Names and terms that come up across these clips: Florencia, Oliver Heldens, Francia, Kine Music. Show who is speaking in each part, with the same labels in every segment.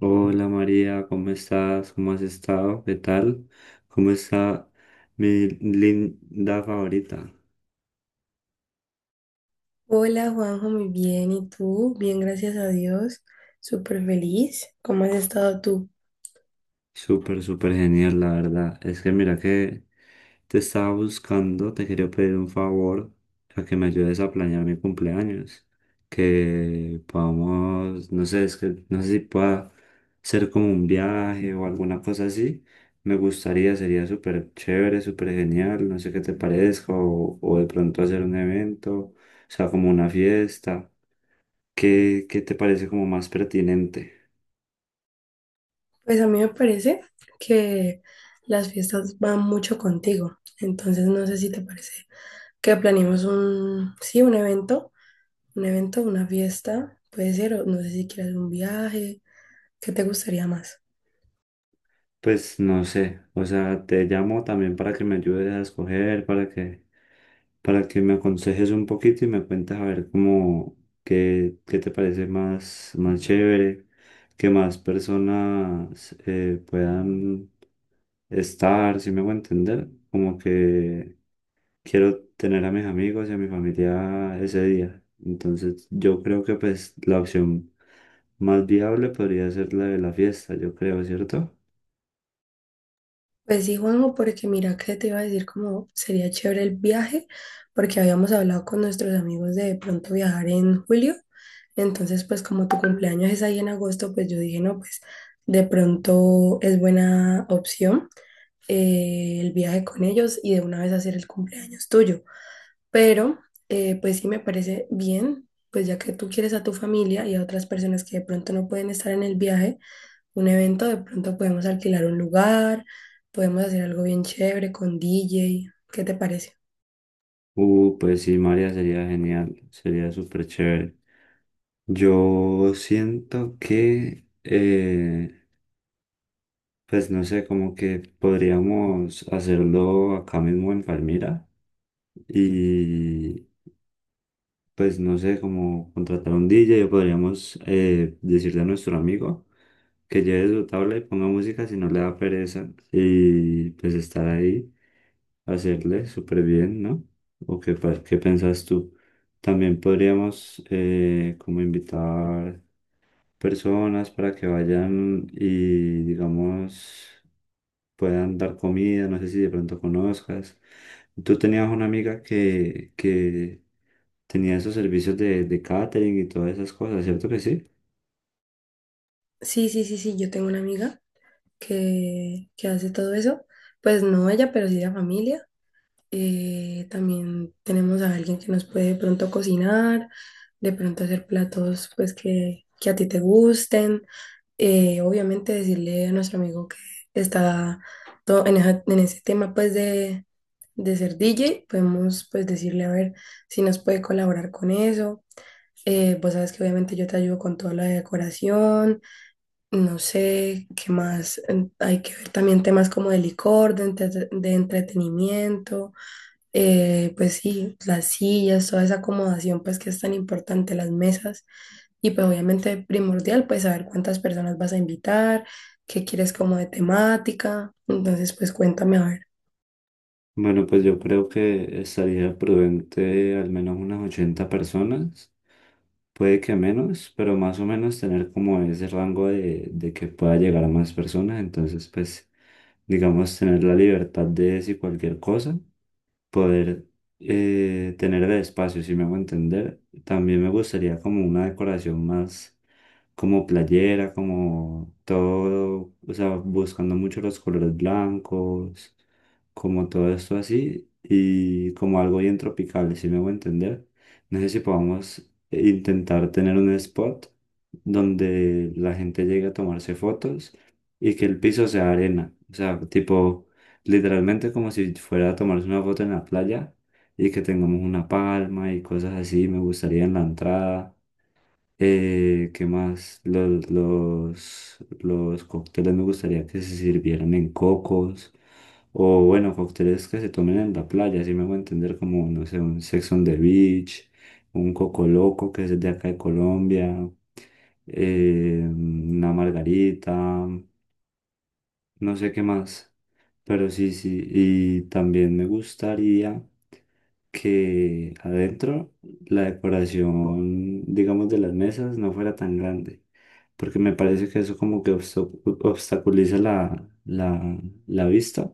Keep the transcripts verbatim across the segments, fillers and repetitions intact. Speaker 1: Hola María, ¿cómo estás? ¿Cómo has estado? ¿Qué tal? ¿Cómo está mi linda favorita?
Speaker 2: Hola Juanjo, muy bien. ¿Y tú? Bien, gracias a Dios. Súper feliz. ¿Cómo has estado tú?
Speaker 1: Súper, súper genial, la verdad. Es que mira que te estaba buscando, te quería pedir un favor, a que me ayudes a planear mi cumpleaños. Que podamos, no sé, es que no sé si pueda ser como un viaje o alguna cosa así. Me gustaría, sería súper chévere, súper genial, no sé qué te parezca, o, o de pronto hacer un evento, o sea, como una fiesta. ¿Qué, qué te parece como más pertinente?
Speaker 2: Pues a mí me parece que las fiestas van mucho contigo. Entonces no sé si te parece que planeemos un, sí, un evento, un evento, una fiesta. Puede ser, o no sé si quieres un viaje. ¿Qué te gustaría más?
Speaker 1: Pues no sé, o sea, te llamo también para que me ayudes a escoger, para que, para que me aconsejes un poquito y me cuentas a ver cómo, qué, qué te parece más, más chévere, que más personas eh, puedan estar, si me voy a entender, como que quiero tener a mis amigos y a mi familia ese día. Entonces yo creo que pues la opción más viable podría ser la de la fiesta, yo creo, ¿cierto?
Speaker 2: Pues sí, Juanjo, porque mira que te iba a decir como sería chévere el viaje, porque habíamos hablado con nuestros amigos de pronto viajar en julio, entonces pues como tu cumpleaños es ahí en agosto, pues yo dije, no, pues de pronto es buena opción eh, el viaje con ellos y de una vez hacer el cumpleaños tuyo, pero eh, pues sí me parece bien, pues ya que tú quieres a tu familia y a otras personas que de pronto no pueden estar en el viaje, un evento, de pronto podemos alquilar un lugar, podemos hacer algo bien chévere con D J. ¿Qué te parece?
Speaker 1: Uh, pues sí, María, sería genial, sería súper chévere. Yo siento que, eh, pues no sé, como que podríamos hacerlo acá mismo en Palmira y pues no sé, como contratar un D J o podríamos eh, decirle a nuestro amigo que lleve su tabla y ponga música si no le da pereza y pues estar ahí. Hacerle súper bien, ¿no? ¿O qué, pa- qué piensas tú? También podríamos eh, como invitar personas para que vayan y digamos puedan dar comida, no sé si de pronto conozcas. Tú tenías una amiga que, que tenía esos servicios de, de catering y todas esas cosas, ¿cierto que sí?
Speaker 2: Sí, sí, sí, sí, yo tengo una amiga que, que hace todo eso. Pues no ella, pero sí la familia. Eh, también tenemos a alguien que nos puede de pronto cocinar, de pronto hacer platos pues que, que a ti te gusten. Eh, obviamente decirle a nuestro amigo que está todo en, esa- en ese tema pues de, de ser D J, podemos pues decirle a ver si nos puede colaborar con eso. Eh, vos sabes que obviamente yo te ayudo con toda la decoración, no sé qué más, en- hay que ver también temas como de licor, de entre- de entretenimiento, eh, pues sí, las sillas, toda esa acomodación pues que es tan importante, las mesas y pues obviamente primordial pues saber cuántas personas vas a invitar, qué quieres como de temática, entonces pues cuéntame a ver.
Speaker 1: Bueno, pues yo creo que estaría prudente al menos unas ochenta personas. Puede que menos, pero más o menos tener como ese rango de, de que pueda llegar a más personas. Entonces, pues, digamos, tener la libertad de decir cualquier cosa, poder eh, tener de espacio, si me hago entender. También me gustaría como una decoración más como playera, como todo, o sea, buscando mucho los colores blancos, como todo esto así, y como algo bien tropical, si me hago entender. No sé si podamos intentar tener un spot donde la gente llegue a tomarse fotos y que el piso sea arena, o sea, tipo literalmente como si fuera a tomarse una foto en la playa y que tengamos una palma y cosas así. Me gustaría en la entrada. Eh, ¿qué más? Los, los, los cócteles me gustaría que se sirvieran en cocos. O bueno, cócteles que se tomen en la playa, así me voy a entender como, no sé, un Sex on the Beach, un Coco Loco, que es de acá de Colombia, eh, una margarita, no sé qué más, pero sí, sí, y también me gustaría que adentro la decoración, digamos, de las mesas no fuera tan grande, porque me parece que eso como que obsta- obstaculiza la, la, la vista.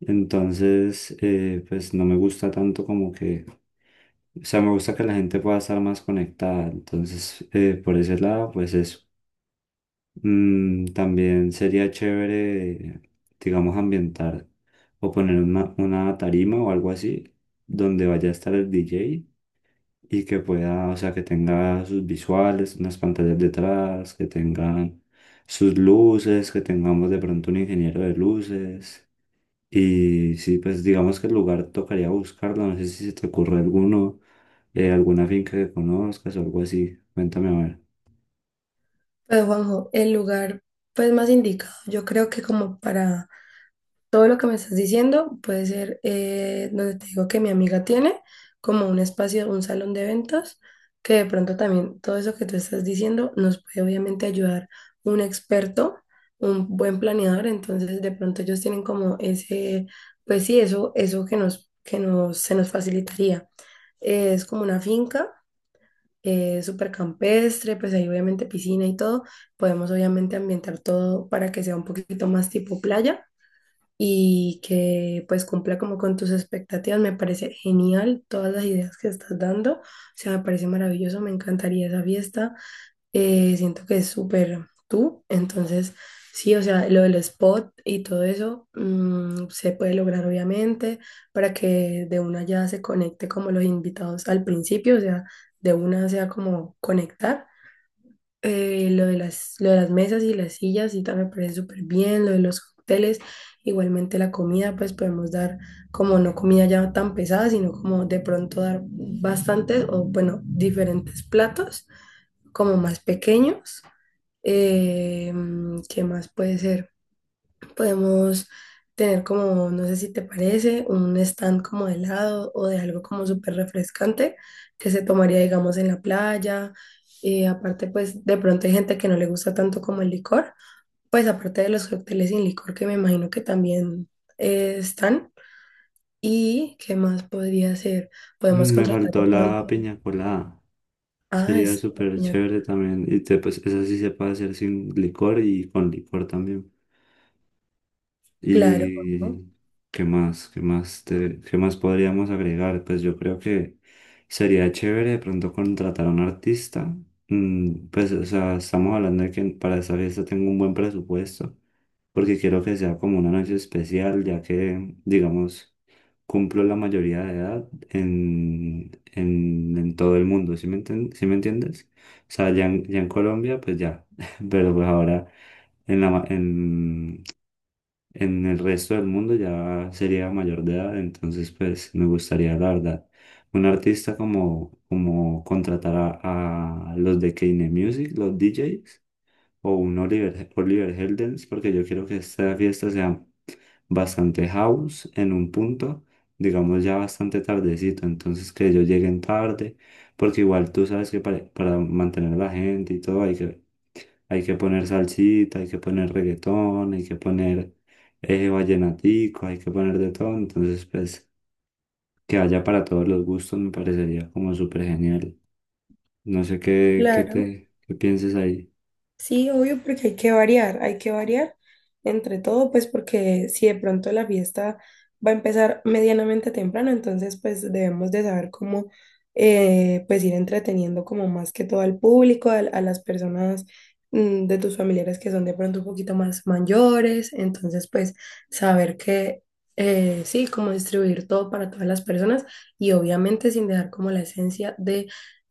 Speaker 1: Entonces, eh, pues no me gusta tanto como que, o sea, me gusta que la gente pueda estar más conectada. Entonces, eh, por ese lado, pues eso. Mm, también sería chévere, digamos, ambientar o poner una, una tarima o algo así donde vaya a estar el D J y que pueda, o sea, que tenga sus visuales, unas pantallas detrás, que tengan sus luces, que tengamos de pronto un ingeniero de luces. Y sí, pues digamos que el lugar tocaría buscarlo, no sé si se te ocurre alguno, eh, alguna finca que conozcas o algo así. Cuéntame a ver.
Speaker 2: Pues Juanjo, el lugar pues más indicado yo creo que como para todo lo que me estás diciendo puede ser, eh, donde te digo que mi amiga tiene, como un espacio, un salón de eventos, que de pronto también todo eso que tú estás diciendo nos puede obviamente ayudar un experto, un buen planeador, entonces de pronto ellos tienen como ese, pues sí, eso, eso que nos, que nos, se nos facilitaría. Eh, es como una finca, eh, súper campestre, pues ahí obviamente piscina y todo, podemos obviamente ambientar todo para que sea un poquito más tipo playa y que pues cumpla como con tus expectativas. Me parece genial todas las ideas que estás dando. O sea, me parece maravilloso, me encantaría esa fiesta. Eh, siento que es súper tú. Entonces, sí, o sea, lo del spot y todo eso mm, se puede lograr obviamente para que de una ya se conecte como los invitados al principio, o sea, de una sea como conectar. Eh, lo de las, lo de las mesas y las sillas, y también me parece súper bien, lo de los cócteles, igualmente la comida, pues podemos dar como no comida ya tan pesada, sino como de pronto dar bastantes o bueno, diferentes platos como más pequeños. Eh, ¿Qué más puede ser? Podemos tener como, no sé si te parece, un stand como de helado o de algo como súper refrescante que se tomaría, digamos, en la playa. Y aparte, pues de pronto hay gente que no le gusta tanto como el licor, pues aparte de los cócteles sin licor que me imagino que también eh, están. ¿Y qué más podría ser? Podemos
Speaker 1: Mm, Me
Speaker 2: contratar de
Speaker 1: faltó
Speaker 2: pronto.
Speaker 1: la piña colada.
Speaker 2: Ah,
Speaker 1: Sería
Speaker 2: es,
Speaker 1: súper chévere también. Y te, pues esa sí se puede hacer sin licor y con licor también.
Speaker 2: claro, ¿no?
Speaker 1: ¿Y qué más? ¿Qué más te- qué más podríamos agregar? Pues yo creo que sería chévere de pronto contratar a un artista. Mm, pues o sea, estamos hablando de que para esta fiesta tengo un buen presupuesto, porque quiero que sea como una noche especial, ya que, digamos, cumplo la mayoría de edad en, en, en todo el mundo, ¿sí me enten- sí me entiendes? O sea, ya en, ya en Colombia, pues ya, pero pues ahora en la, ma- en, en el resto del mundo ya sería mayor de edad, entonces pues me gustaría, la verdad, un artista como, como contratar a, a los de Kine Music, los D Js, o un Oliver, Oliver Heldens, porque yo quiero que esta fiesta sea bastante house en un punto, digamos ya bastante tardecito, entonces que ellos lleguen tarde, porque igual tú sabes que para, para mantener a la gente y todo hay que, hay que poner salsita, hay que poner reggaetón, hay que poner eh, vallenatico, hay que poner de todo, entonces pues que haya para todos los gustos me parecería como súper genial. No sé qué, qué
Speaker 2: Claro.
Speaker 1: te, qué pienses ahí.
Speaker 2: Sí, obvio, porque hay que variar, hay que variar entre todo, pues porque si de pronto la fiesta va a empezar medianamente temprano, entonces pues debemos de saber cómo eh, pues ir entreteniendo como más que todo al público, al- a las personas mm, de tus familiares que son de pronto un poquito más mayores, entonces pues saber que eh, sí, cómo distribuir todo para todas las personas y obviamente sin dejar como la esencia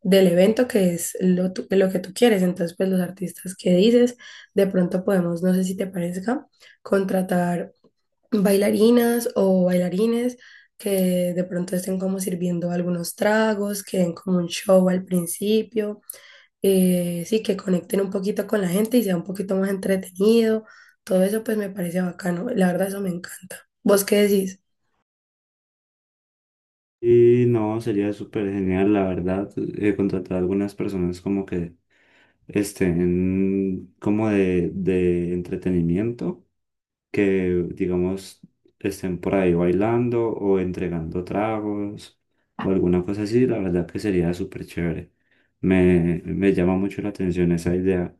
Speaker 2: del evento que es lo, tu- lo que tú quieres. Entonces, pues los artistas que dices, de pronto podemos, no sé si te parezca, contratar bailarinas o bailarines que de pronto estén como sirviendo algunos tragos, que den como un show al principio, eh, sí, que conecten un poquito con la gente y sea un poquito más entretenido. Todo eso pues me parece bacano. La verdad, eso me encanta. ¿Vos qué decís?
Speaker 1: Y no, sería súper genial, la verdad, eh, contratar a algunas personas como que estén como de, de entretenimiento, que digamos estén por ahí bailando o entregando tragos o alguna cosa así, la verdad que sería súper chévere. Me, me llama mucho la atención esa idea.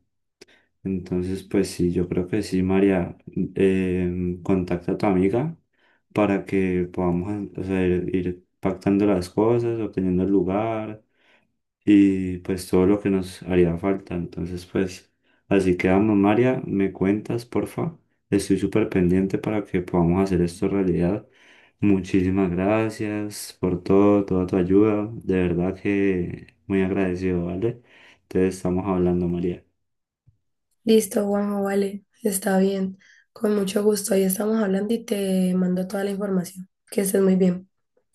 Speaker 1: Entonces, pues sí, yo creo que sí, María, eh, contacta a tu amiga para que podamos, o sea, ir, ir pactando las cosas, obteniendo el lugar y pues todo lo que nos haría falta. Entonces, pues así quedamos, María, me cuentas, porfa. Estoy súper pendiente para que podamos hacer esto realidad. Muchísimas gracias por todo, toda tu ayuda. De verdad que muy agradecido, ¿vale? Entonces, estamos hablando, María.
Speaker 2: Listo, Juanjo, vale, está bien. Con mucho gusto, ahí estamos hablando y te mando toda la información. Que estés muy bien.